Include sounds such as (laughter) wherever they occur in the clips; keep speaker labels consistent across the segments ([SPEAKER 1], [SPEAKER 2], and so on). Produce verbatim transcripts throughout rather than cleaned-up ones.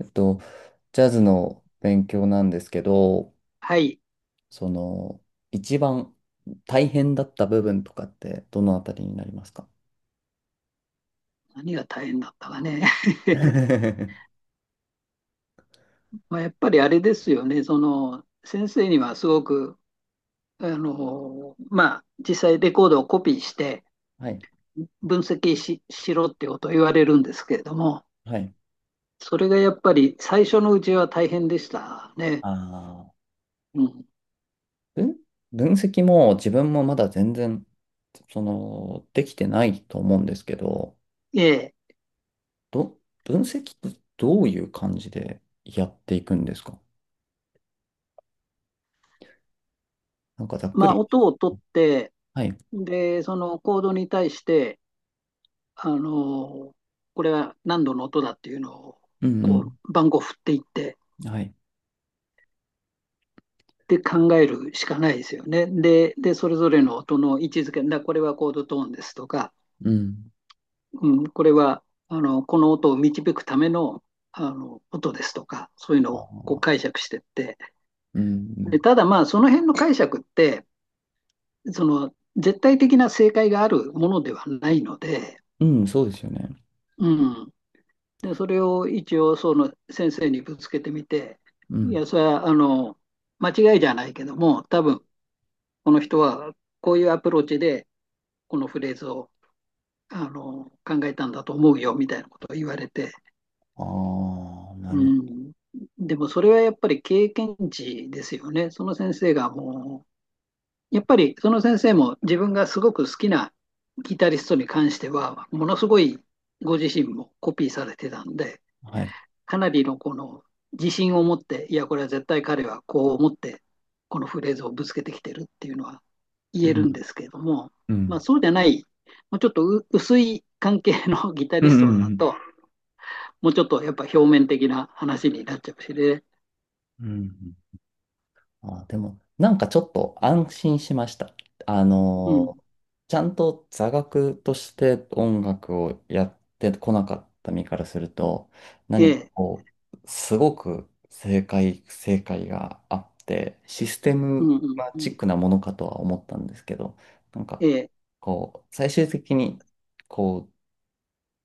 [SPEAKER 1] えっと、ジャズの勉強なんですけど、
[SPEAKER 2] はい。
[SPEAKER 1] その、一番大変だった部分とかってどのあたりになりますか？
[SPEAKER 2] 何が大変だったかね。
[SPEAKER 1] (laughs)
[SPEAKER 2] (laughs)
[SPEAKER 1] は
[SPEAKER 2] まあ、やっぱりあれですよね。その、先生にはすごく、あの、まあ、実際レコードをコピーして
[SPEAKER 1] い、
[SPEAKER 2] 分析し、しろってことを言われるんですけれども、
[SPEAKER 1] はい。
[SPEAKER 2] それがやっぱり最初のうちは大変でしたね。
[SPEAKER 1] あ
[SPEAKER 2] うん。
[SPEAKER 1] ー、分、分析も自分もまだ全然、その、できてないと思うんですけど、
[SPEAKER 2] ええ。
[SPEAKER 1] ど、分析ってどういう感じでやっていくんですか？なんかざっく
[SPEAKER 2] まあ、
[SPEAKER 1] り。
[SPEAKER 2] 音を取って、
[SPEAKER 1] はい。
[SPEAKER 2] で、そのコードに対して、あの、これは何度の音だっていうのを、
[SPEAKER 1] うんう
[SPEAKER 2] こう、番号振っていって、
[SPEAKER 1] ん。はい。
[SPEAKER 2] で考えるしかないですよね。で、で、それぞれの音の位置づけ、だこれはコードトーンですとか、
[SPEAKER 1] うん。
[SPEAKER 2] うん、これはあのこの音を導くためのあの音ですとか、そういう
[SPEAKER 1] あ
[SPEAKER 2] のをこう
[SPEAKER 1] ー
[SPEAKER 2] 解釈してって、
[SPEAKER 1] う
[SPEAKER 2] で
[SPEAKER 1] ん
[SPEAKER 2] ただまあ、その辺の解釈って、その絶対的な正解があるものではないので、
[SPEAKER 1] うん。うん、そうですよね。
[SPEAKER 2] うん、でそれを一応その先生にぶつけてみて、
[SPEAKER 1] う
[SPEAKER 2] い
[SPEAKER 1] ん。
[SPEAKER 2] や、それはあの間違いじゃないけども、多分この人はこういうアプローチでこのフレーズをあの考えたんだと思うよみたいなことを言われて、
[SPEAKER 1] ああ、な
[SPEAKER 2] う
[SPEAKER 1] るほ
[SPEAKER 2] ん、でもそれはやっぱり経験値ですよね。その先生がもう、やっぱりその先生も自分がすごく好きなギタリストに関しては、ものすごいご自身もコピーされてたんで、
[SPEAKER 1] ど。はい。
[SPEAKER 2] かなりのこの自信を持って、いや、これは絶対彼はこう思って、このフレーズをぶつけてきてるっていうのは言
[SPEAKER 1] う
[SPEAKER 2] える
[SPEAKER 1] ん。
[SPEAKER 2] んですけれども、
[SPEAKER 1] う
[SPEAKER 2] まあ、
[SPEAKER 1] ん。
[SPEAKER 2] そうじゃない、もうちょっとう薄い関係のギタ
[SPEAKER 1] う
[SPEAKER 2] リ
[SPEAKER 1] ん。
[SPEAKER 2] スト
[SPEAKER 1] う
[SPEAKER 2] だ
[SPEAKER 1] ん。
[SPEAKER 2] と、もうちょっとやっぱ表面的な話になっちゃうしね。
[SPEAKER 1] うん。あー、でも、なんかちょっと安心しました。あ
[SPEAKER 2] うん。
[SPEAKER 1] のーちゃんと座学として音楽をやってこなかった身からすると、
[SPEAKER 2] え
[SPEAKER 1] 何か
[SPEAKER 2] え、
[SPEAKER 1] こう、すごく正解、正解があって、システ
[SPEAKER 2] う
[SPEAKER 1] ム
[SPEAKER 2] んうん
[SPEAKER 1] マ
[SPEAKER 2] う
[SPEAKER 1] チッ
[SPEAKER 2] ん。
[SPEAKER 1] クなものかとは思ったんですけど、なん
[SPEAKER 2] え
[SPEAKER 1] か、
[SPEAKER 2] え、
[SPEAKER 1] こう、最終的に、こう、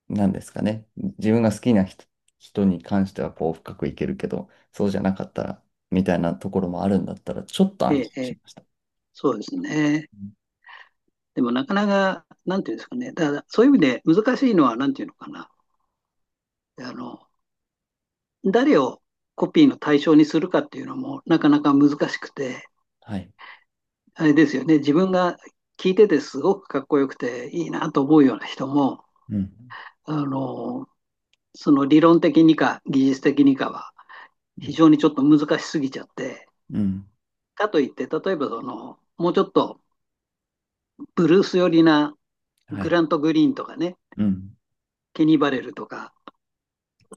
[SPEAKER 1] なんですかね。自分が好きな人、人に関してはこう深くいけるけど、そうじゃなかったら、みたいなところもあるんだったら、ちょっと
[SPEAKER 2] え
[SPEAKER 1] 安
[SPEAKER 2] え、
[SPEAKER 1] 心
[SPEAKER 2] え
[SPEAKER 1] し
[SPEAKER 2] え、
[SPEAKER 1] ました。
[SPEAKER 2] そうですね。
[SPEAKER 1] うん。
[SPEAKER 2] でもなかなか、なんていうんですかね。だからそういう意味で難しいのは、なんていうのかな。あの、誰をコピーの対象にするかっていうのもなかなか難しくて、
[SPEAKER 1] はい。
[SPEAKER 2] あれですよね、自分が聞いててすごくかっこよくていいなと思うような人も、
[SPEAKER 1] うん。
[SPEAKER 2] あの、その理論的にか技術的にかは
[SPEAKER 1] う
[SPEAKER 2] 非
[SPEAKER 1] ん。
[SPEAKER 2] 常にちょっと難しすぎちゃって、
[SPEAKER 1] うん。
[SPEAKER 2] かといって、例えばその、もうちょっとブルース寄りな
[SPEAKER 1] は
[SPEAKER 2] グ
[SPEAKER 1] い。
[SPEAKER 2] ラント・グリーンとかね、
[SPEAKER 1] うん。
[SPEAKER 2] ケニー・バレルとか、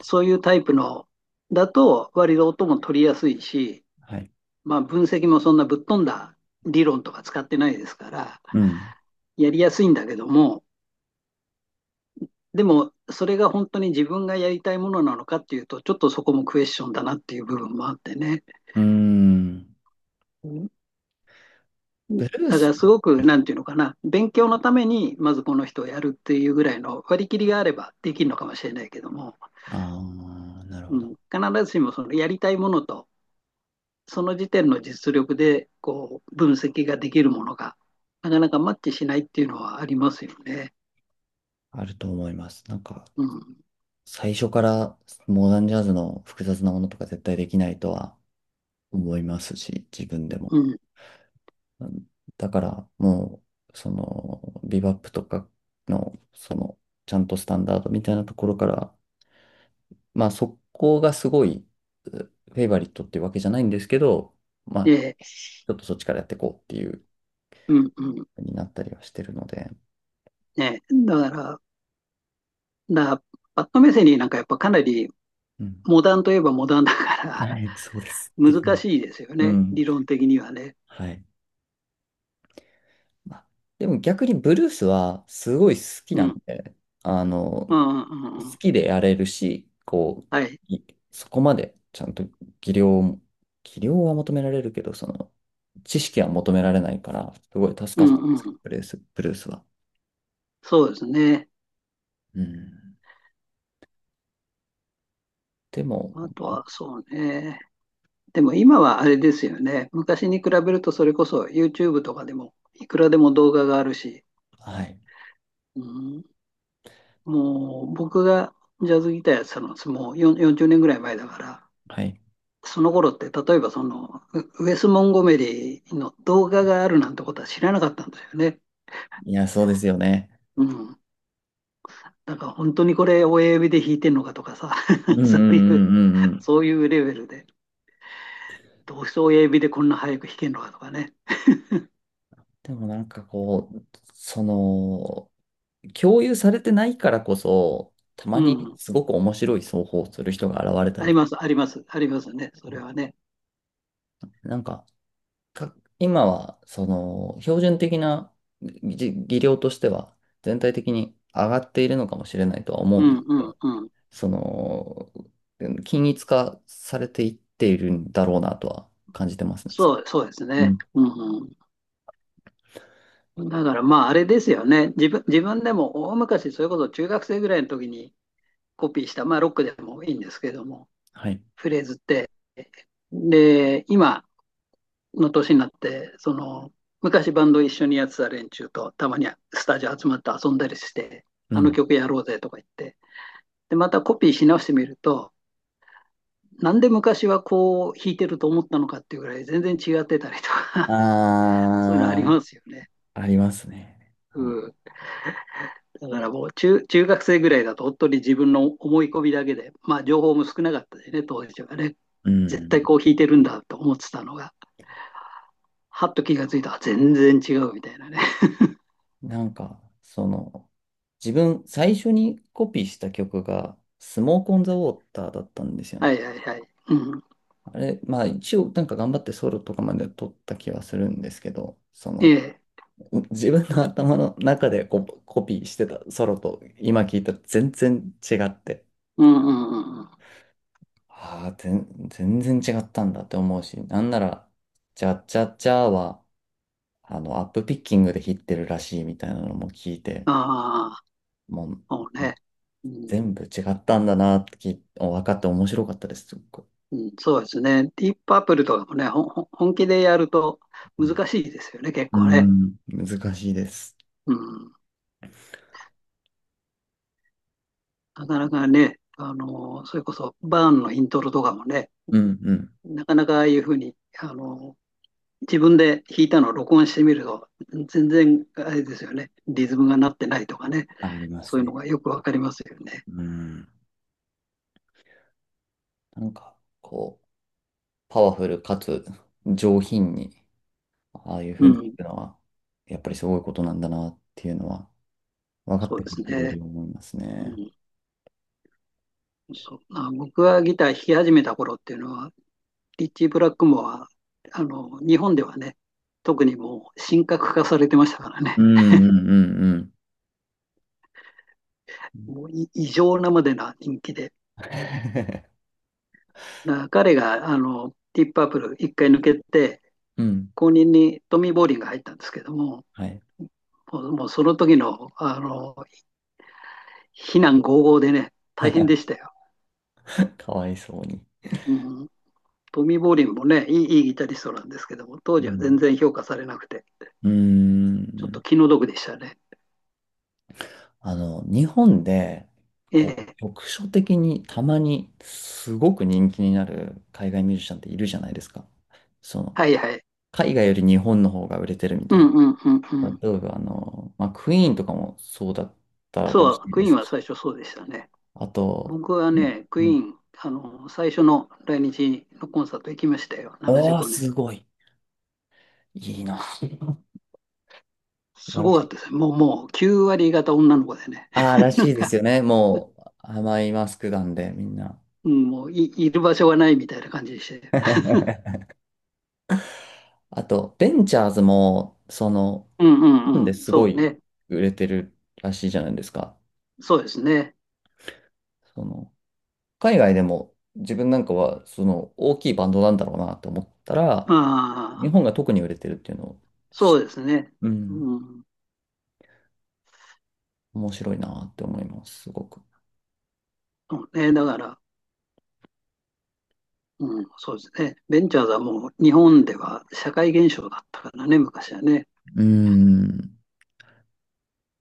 [SPEAKER 2] そういうタイプのだと割と音も取りやすいし、
[SPEAKER 1] はい。
[SPEAKER 2] まあ、分析もそんなぶっ飛んだ理論とか使ってないですから、
[SPEAKER 1] うん。
[SPEAKER 2] やりやすいんだけども、でも、それが本当に自分がやりたいものなのかっていうと、ちょっとそこもクエスチョンだなっていう部分もあってね。
[SPEAKER 1] うーん。ブルー
[SPEAKER 2] だか
[SPEAKER 1] ス。
[SPEAKER 2] らすごく、なんていうのかな、勉強のために、まずこの人をやるっていうぐらいの割り切りがあればできるのかもしれないけども、
[SPEAKER 1] ああ、なるほ
[SPEAKER 2] うん、
[SPEAKER 1] ど。
[SPEAKER 2] 必ずしもそのやりたいものと、その時点の実力でこう分析ができるものが、なかなかマッチしないっていうのはありますよね。
[SPEAKER 1] あると思います。なんか、
[SPEAKER 2] うん
[SPEAKER 1] 最初からモダンジャズの複雑なものとか絶対できないとは思いますし、自分でも。
[SPEAKER 2] うん、
[SPEAKER 1] だからもう、その、ビバップとかの、その、ちゃんとスタンダードみたいなところから、まあそこがすごい、うフェイバリットっていうわけじゃないんですけど、ま
[SPEAKER 2] え
[SPEAKER 1] あ、
[SPEAKER 2] え、
[SPEAKER 1] ちょっとそっちからやっていこうっていう
[SPEAKER 2] うん、うん、
[SPEAKER 1] ふうになったりはしてるので、
[SPEAKER 2] ねだから、だからパッドメセリーなんかやっぱかなり
[SPEAKER 1] うん。
[SPEAKER 2] モダンといえばモダンだから
[SPEAKER 1] はい、そうです。
[SPEAKER 2] (laughs)
[SPEAKER 1] できな
[SPEAKER 2] 難
[SPEAKER 1] い。
[SPEAKER 2] しいですよ
[SPEAKER 1] う
[SPEAKER 2] ね、
[SPEAKER 1] ん。
[SPEAKER 2] 理論的にはね。
[SPEAKER 1] はい。まあでも逆にブルースはすごい好き
[SPEAKER 2] う
[SPEAKER 1] なん
[SPEAKER 2] ん、
[SPEAKER 1] で、あの、
[SPEAKER 2] うん、うん、う
[SPEAKER 1] 好
[SPEAKER 2] ん
[SPEAKER 1] きでやれるし、こう、
[SPEAKER 2] はい、
[SPEAKER 1] いそこまでちゃんと技量も、技量は求められるけど、その、知識は求められないから、すごい助
[SPEAKER 2] う
[SPEAKER 1] かった
[SPEAKER 2] ん、
[SPEAKER 1] んですけ
[SPEAKER 2] う
[SPEAKER 1] ど、
[SPEAKER 2] ん、
[SPEAKER 1] ブルース、ブルースは。
[SPEAKER 2] そうですね。
[SPEAKER 1] うん。でも、
[SPEAKER 2] あと
[SPEAKER 1] ま
[SPEAKER 2] はそうね。でも今はあれですよね。昔に比べるとそれこそ YouTube とかでもいくらでも動画があるし、
[SPEAKER 1] あ、はい、
[SPEAKER 2] うん、もう僕がジャズギターやってたのはもうよん よんじゅうねんぐらい前だから、
[SPEAKER 1] はい。
[SPEAKER 2] その頃って、例えばその、ウウェス・モンゴメリーの動画があるなんてことは知らなかったんですよね。
[SPEAKER 1] いや、そうですよね。
[SPEAKER 2] うん。だから本当にこれ親指で弾いてんのかとかさ、
[SPEAKER 1] うんう
[SPEAKER 2] (laughs)
[SPEAKER 1] んうんう
[SPEAKER 2] そういう、
[SPEAKER 1] んうん。
[SPEAKER 2] そういうレベルで、どうして親指でこんな早く弾けんのかとかね。
[SPEAKER 1] でもなんかこう、その、共有されてないからこそ、た
[SPEAKER 2] う
[SPEAKER 1] まに
[SPEAKER 2] ん。
[SPEAKER 1] すごく面白い奏法をする人が現れた
[SPEAKER 2] あ
[SPEAKER 1] り
[SPEAKER 2] り
[SPEAKER 1] とか、
[SPEAKER 2] ます、あります、ありますね。それはね。
[SPEAKER 1] なんか、か、今は、その、標準的な技技量としては、全体的に上がっているのかもしれないとは思う
[SPEAKER 2] う
[SPEAKER 1] んで
[SPEAKER 2] ん
[SPEAKER 1] す
[SPEAKER 2] う
[SPEAKER 1] け
[SPEAKER 2] ん
[SPEAKER 1] ど、
[SPEAKER 2] うん。
[SPEAKER 1] その、うん均一化されていっているんだろうなとは感じてますね。そ
[SPEAKER 2] そう、そうです
[SPEAKER 1] うう
[SPEAKER 2] ね。
[SPEAKER 1] ん。
[SPEAKER 2] うんうん。だからまああれですよね。自分、自分でも大昔、それこそ中学生ぐらいの時にコピーした、まあロックでもいいんですけども、
[SPEAKER 1] はい。
[SPEAKER 2] フレーズって。で、今の年になって、その、昔バンド一緒にやってた連中とたまにスタジオ集まって遊んだりして、
[SPEAKER 1] う
[SPEAKER 2] あの
[SPEAKER 1] ん。
[SPEAKER 2] 曲やろうぜとか言って、で、またコピーし直してみると、なんで昔はこう弾いてると思ったのかっていうぐらい全然違ってたりとか (laughs) そういうのあり
[SPEAKER 1] あ
[SPEAKER 2] ますよね。
[SPEAKER 1] あ、ありますね。
[SPEAKER 2] うん。だからもう中、中学生ぐらいだと本当に自分の思い込みだけで、まあ情報も少なかったしね、当時はね。
[SPEAKER 1] う
[SPEAKER 2] 絶対
[SPEAKER 1] ん。
[SPEAKER 2] こう弾いてるんだと思ってたのが、はっと気がついたら全然違うみたいなね。(laughs)
[SPEAKER 1] なんか、その、自分、最初にコピーした曲が、スモークオンザウォーターだったんですよ
[SPEAKER 2] は
[SPEAKER 1] ね。
[SPEAKER 2] いはいはい。うん。
[SPEAKER 1] あれ、まあ一応なんか頑張ってソロとかまで撮った気はするんですけど、そ
[SPEAKER 2] え
[SPEAKER 1] の
[SPEAKER 2] え。
[SPEAKER 1] う自分の頭の中でコ、コピーしてたソロと今聞いたら全然違って、
[SPEAKER 2] うんうんうんうん。
[SPEAKER 1] ああ、全全然違ったんだって思うし、なんなら、チャッチャッチャーはあのアップピッキングで弾ってるらしいみたいなのも聞いて、
[SPEAKER 2] ああ、
[SPEAKER 1] もう
[SPEAKER 2] そうね。うん、
[SPEAKER 1] 全部違ったんだなって聞い分かって面白かったです、すっごい。
[SPEAKER 2] うん、そうですね。ディープアップルとかもね、ほんほん本気でやると
[SPEAKER 1] うん、
[SPEAKER 2] 難しいですよね、結
[SPEAKER 1] う
[SPEAKER 2] 構ね。
[SPEAKER 1] ん、難しいです。
[SPEAKER 2] うん。なかなかね、あの、それこそバーンのイントロとかもね、
[SPEAKER 1] うんうん。
[SPEAKER 2] なかなかああいうふうに、あの、自分で弾いたのを録音してみると、全然あれですよね。リズムがなってないとかね。
[SPEAKER 1] ありま
[SPEAKER 2] そ
[SPEAKER 1] す
[SPEAKER 2] ういうの
[SPEAKER 1] ね。
[SPEAKER 2] がよくわかりますよね。
[SPEAKER 1] うん。なんか、こう、パワフルかつ上品に、ああいうふ
[SPEAKER 2] う
[SPEAKER 1] うに弾
[SPEAKER 2] ん。
[SPEAKER 1] くのは、やっぱりすごいことなんだなっていうのは、分かっ
[SPEAKER 2] そ
[SPEAKER 1] て
[SPEAKER 2] うで
[SPEAKER 1] く
[SPEAKER 2] す
[SPEAKER 1] るとより
[SPEAKER 2] ね。
[SPEAKER 1] 思います
[SPEAKER 2] う
[SPEAKER 1] ね。
[SPEAKER 2] ん。そうまあ、僕はギター弾き始めた頃っていうのは、リッチー・ブラックモア、あの、日本ではね、特にもう神格化されてましたから
[SPEAKER 1] う
[SPEAKER 2] ね。
[SPEAKER 1] んうんうんうん。
[SPEAKER 2] もうい異常なまでな人気で。
[SPEAKER 1] (laughs)
[SPEAKER 2] だから彼が、あの、ディープパープル一回抜けて、
[SPEAKER 1] うん。
[SPEAKER 2] 後任にトミー・ボーリンが入ったんですけども、
[SPEAKER 1] はい。
[SPEAKER 2] もうもうその時の、あの、非難轟々でね、大変で
[SPEAKER 1] (laughs)
[SPEAKER 2] したよ。
[SPEAKER 1] かわいそうに。
[SPEAKER 2] うん。トミー・ボーリンもね、いい、いいギタリストなんですけども、当
[SPEAKER 1] う
[SPEAKER 2] 時は全
[SPEAKER 1] ん。
[SPEAKER 2] 然評価されなくて。
[SPEAKER 1] うー
[SPEAKER 2] ちょっと
[SPEAKER 1] ん。
[SPEAKER 2] 気の毒でしたね。
[SPEAKER 1] あの、日本で、
[SPEAKER 2] え
[SPEAKER 1] こ
[SPEAKER 2] え。
[SPEAKER 1] う、局所的にたまにすごく人気になる海外ミュージシャンっているじゃないですか。その、
[SPEAKER 2] はいはい。
[SPEAKER 1] 海外より日本の方が売れてるみ
[SPEAKER 2] う
[SPEAKER 1] たい
[SPEAKER 2] んうんうんう
[SPEAKER 1] な。
[SPEAKER 2] ん。
[SPEAKER 1] 例えば、あの、まあ、クイーンとかもそうだったらし
[SPEAKER 2] そう、
[SPEAKER 1] い
[SPEAKER 2] ク
[SPEAKER 1] で
[SPEAKER 2] イ
[SPEAKER 1] す
[SPEAKER 2] ーンは
[SPEAKER 1] し。
[SPEAKER 2] 最初そうでしたね。
[SPEAKER 1] あと、
[SPEAKER 2] 僕はね、ク
[SPEAKER 1] う
[SPEAKER 2] イ
[SPEAKER 1] ん。
[SPEAKER 2] ーン、あの、最初の来日のコンサート行きましたよ、75
[SPEAKER 1] おー、
[SPEAKER 2] 年。
[SPEAKER 1] すごい。いいな。(laughs) 素
[SPEAKER 2] す
[SPEAKER 1] 晴ら
[SPEAKER 2] ご
[SPEAKER 1] し
[SPEAKER 2] かっ
[SPEAKER 1] い。
[SPEAKER 2] たですね。もう、もうきゅう割方女の子でね。
[SPEAKER 1] ああ、ら
[SPEAKER 2] (laughs) な
[SPEAKER 1] し
[SPEAKER 2] ん
[SPEAKER 1] いです
[SPEAKER 2] か、
[SPEAKER 1] よね。もう、甘いマスクなんで、みんな。
[SPEAKER 2] うん、もうい、いる場所がないみたいな感じでして。
[SPEAKER 1] あと、ベンチャーズも、その、
[SPEAKER 2] うんう
[SPEAKER 1] 日本
[SPEAKER 2] んう
[SPEAKER 1] で
[SPEAKER 2] ん。
[SPEAKER 1] すご
[SPEAKER 2] そう
[SPEAKER 1] い
[SPEAKER 2] ね。
[SPEAKER 1] 売れてるらしいじゃないですか。
[SPEAKER 2] そうですね。
[SPEAKER 1] その、海外でも、自分なんかは、その、大きいバンドなんだろうなと思ったら、日
[SPEAKER 2] ああ、
[SPEAKER 1] 本が特に売れてるっていうのを、
[SPEAKER 2] そうですね。
[SPEAKER 1] うん、
[SPEAKER 2] うん。
[SPEAKER 1] 面白いなって思います、すごく。
[SPEAKER 2] そうね。だから、うん、そうですね。ベンチャーズはもう日本では社会現象だったからね、昔はね。
[SPEAKER 1] うん。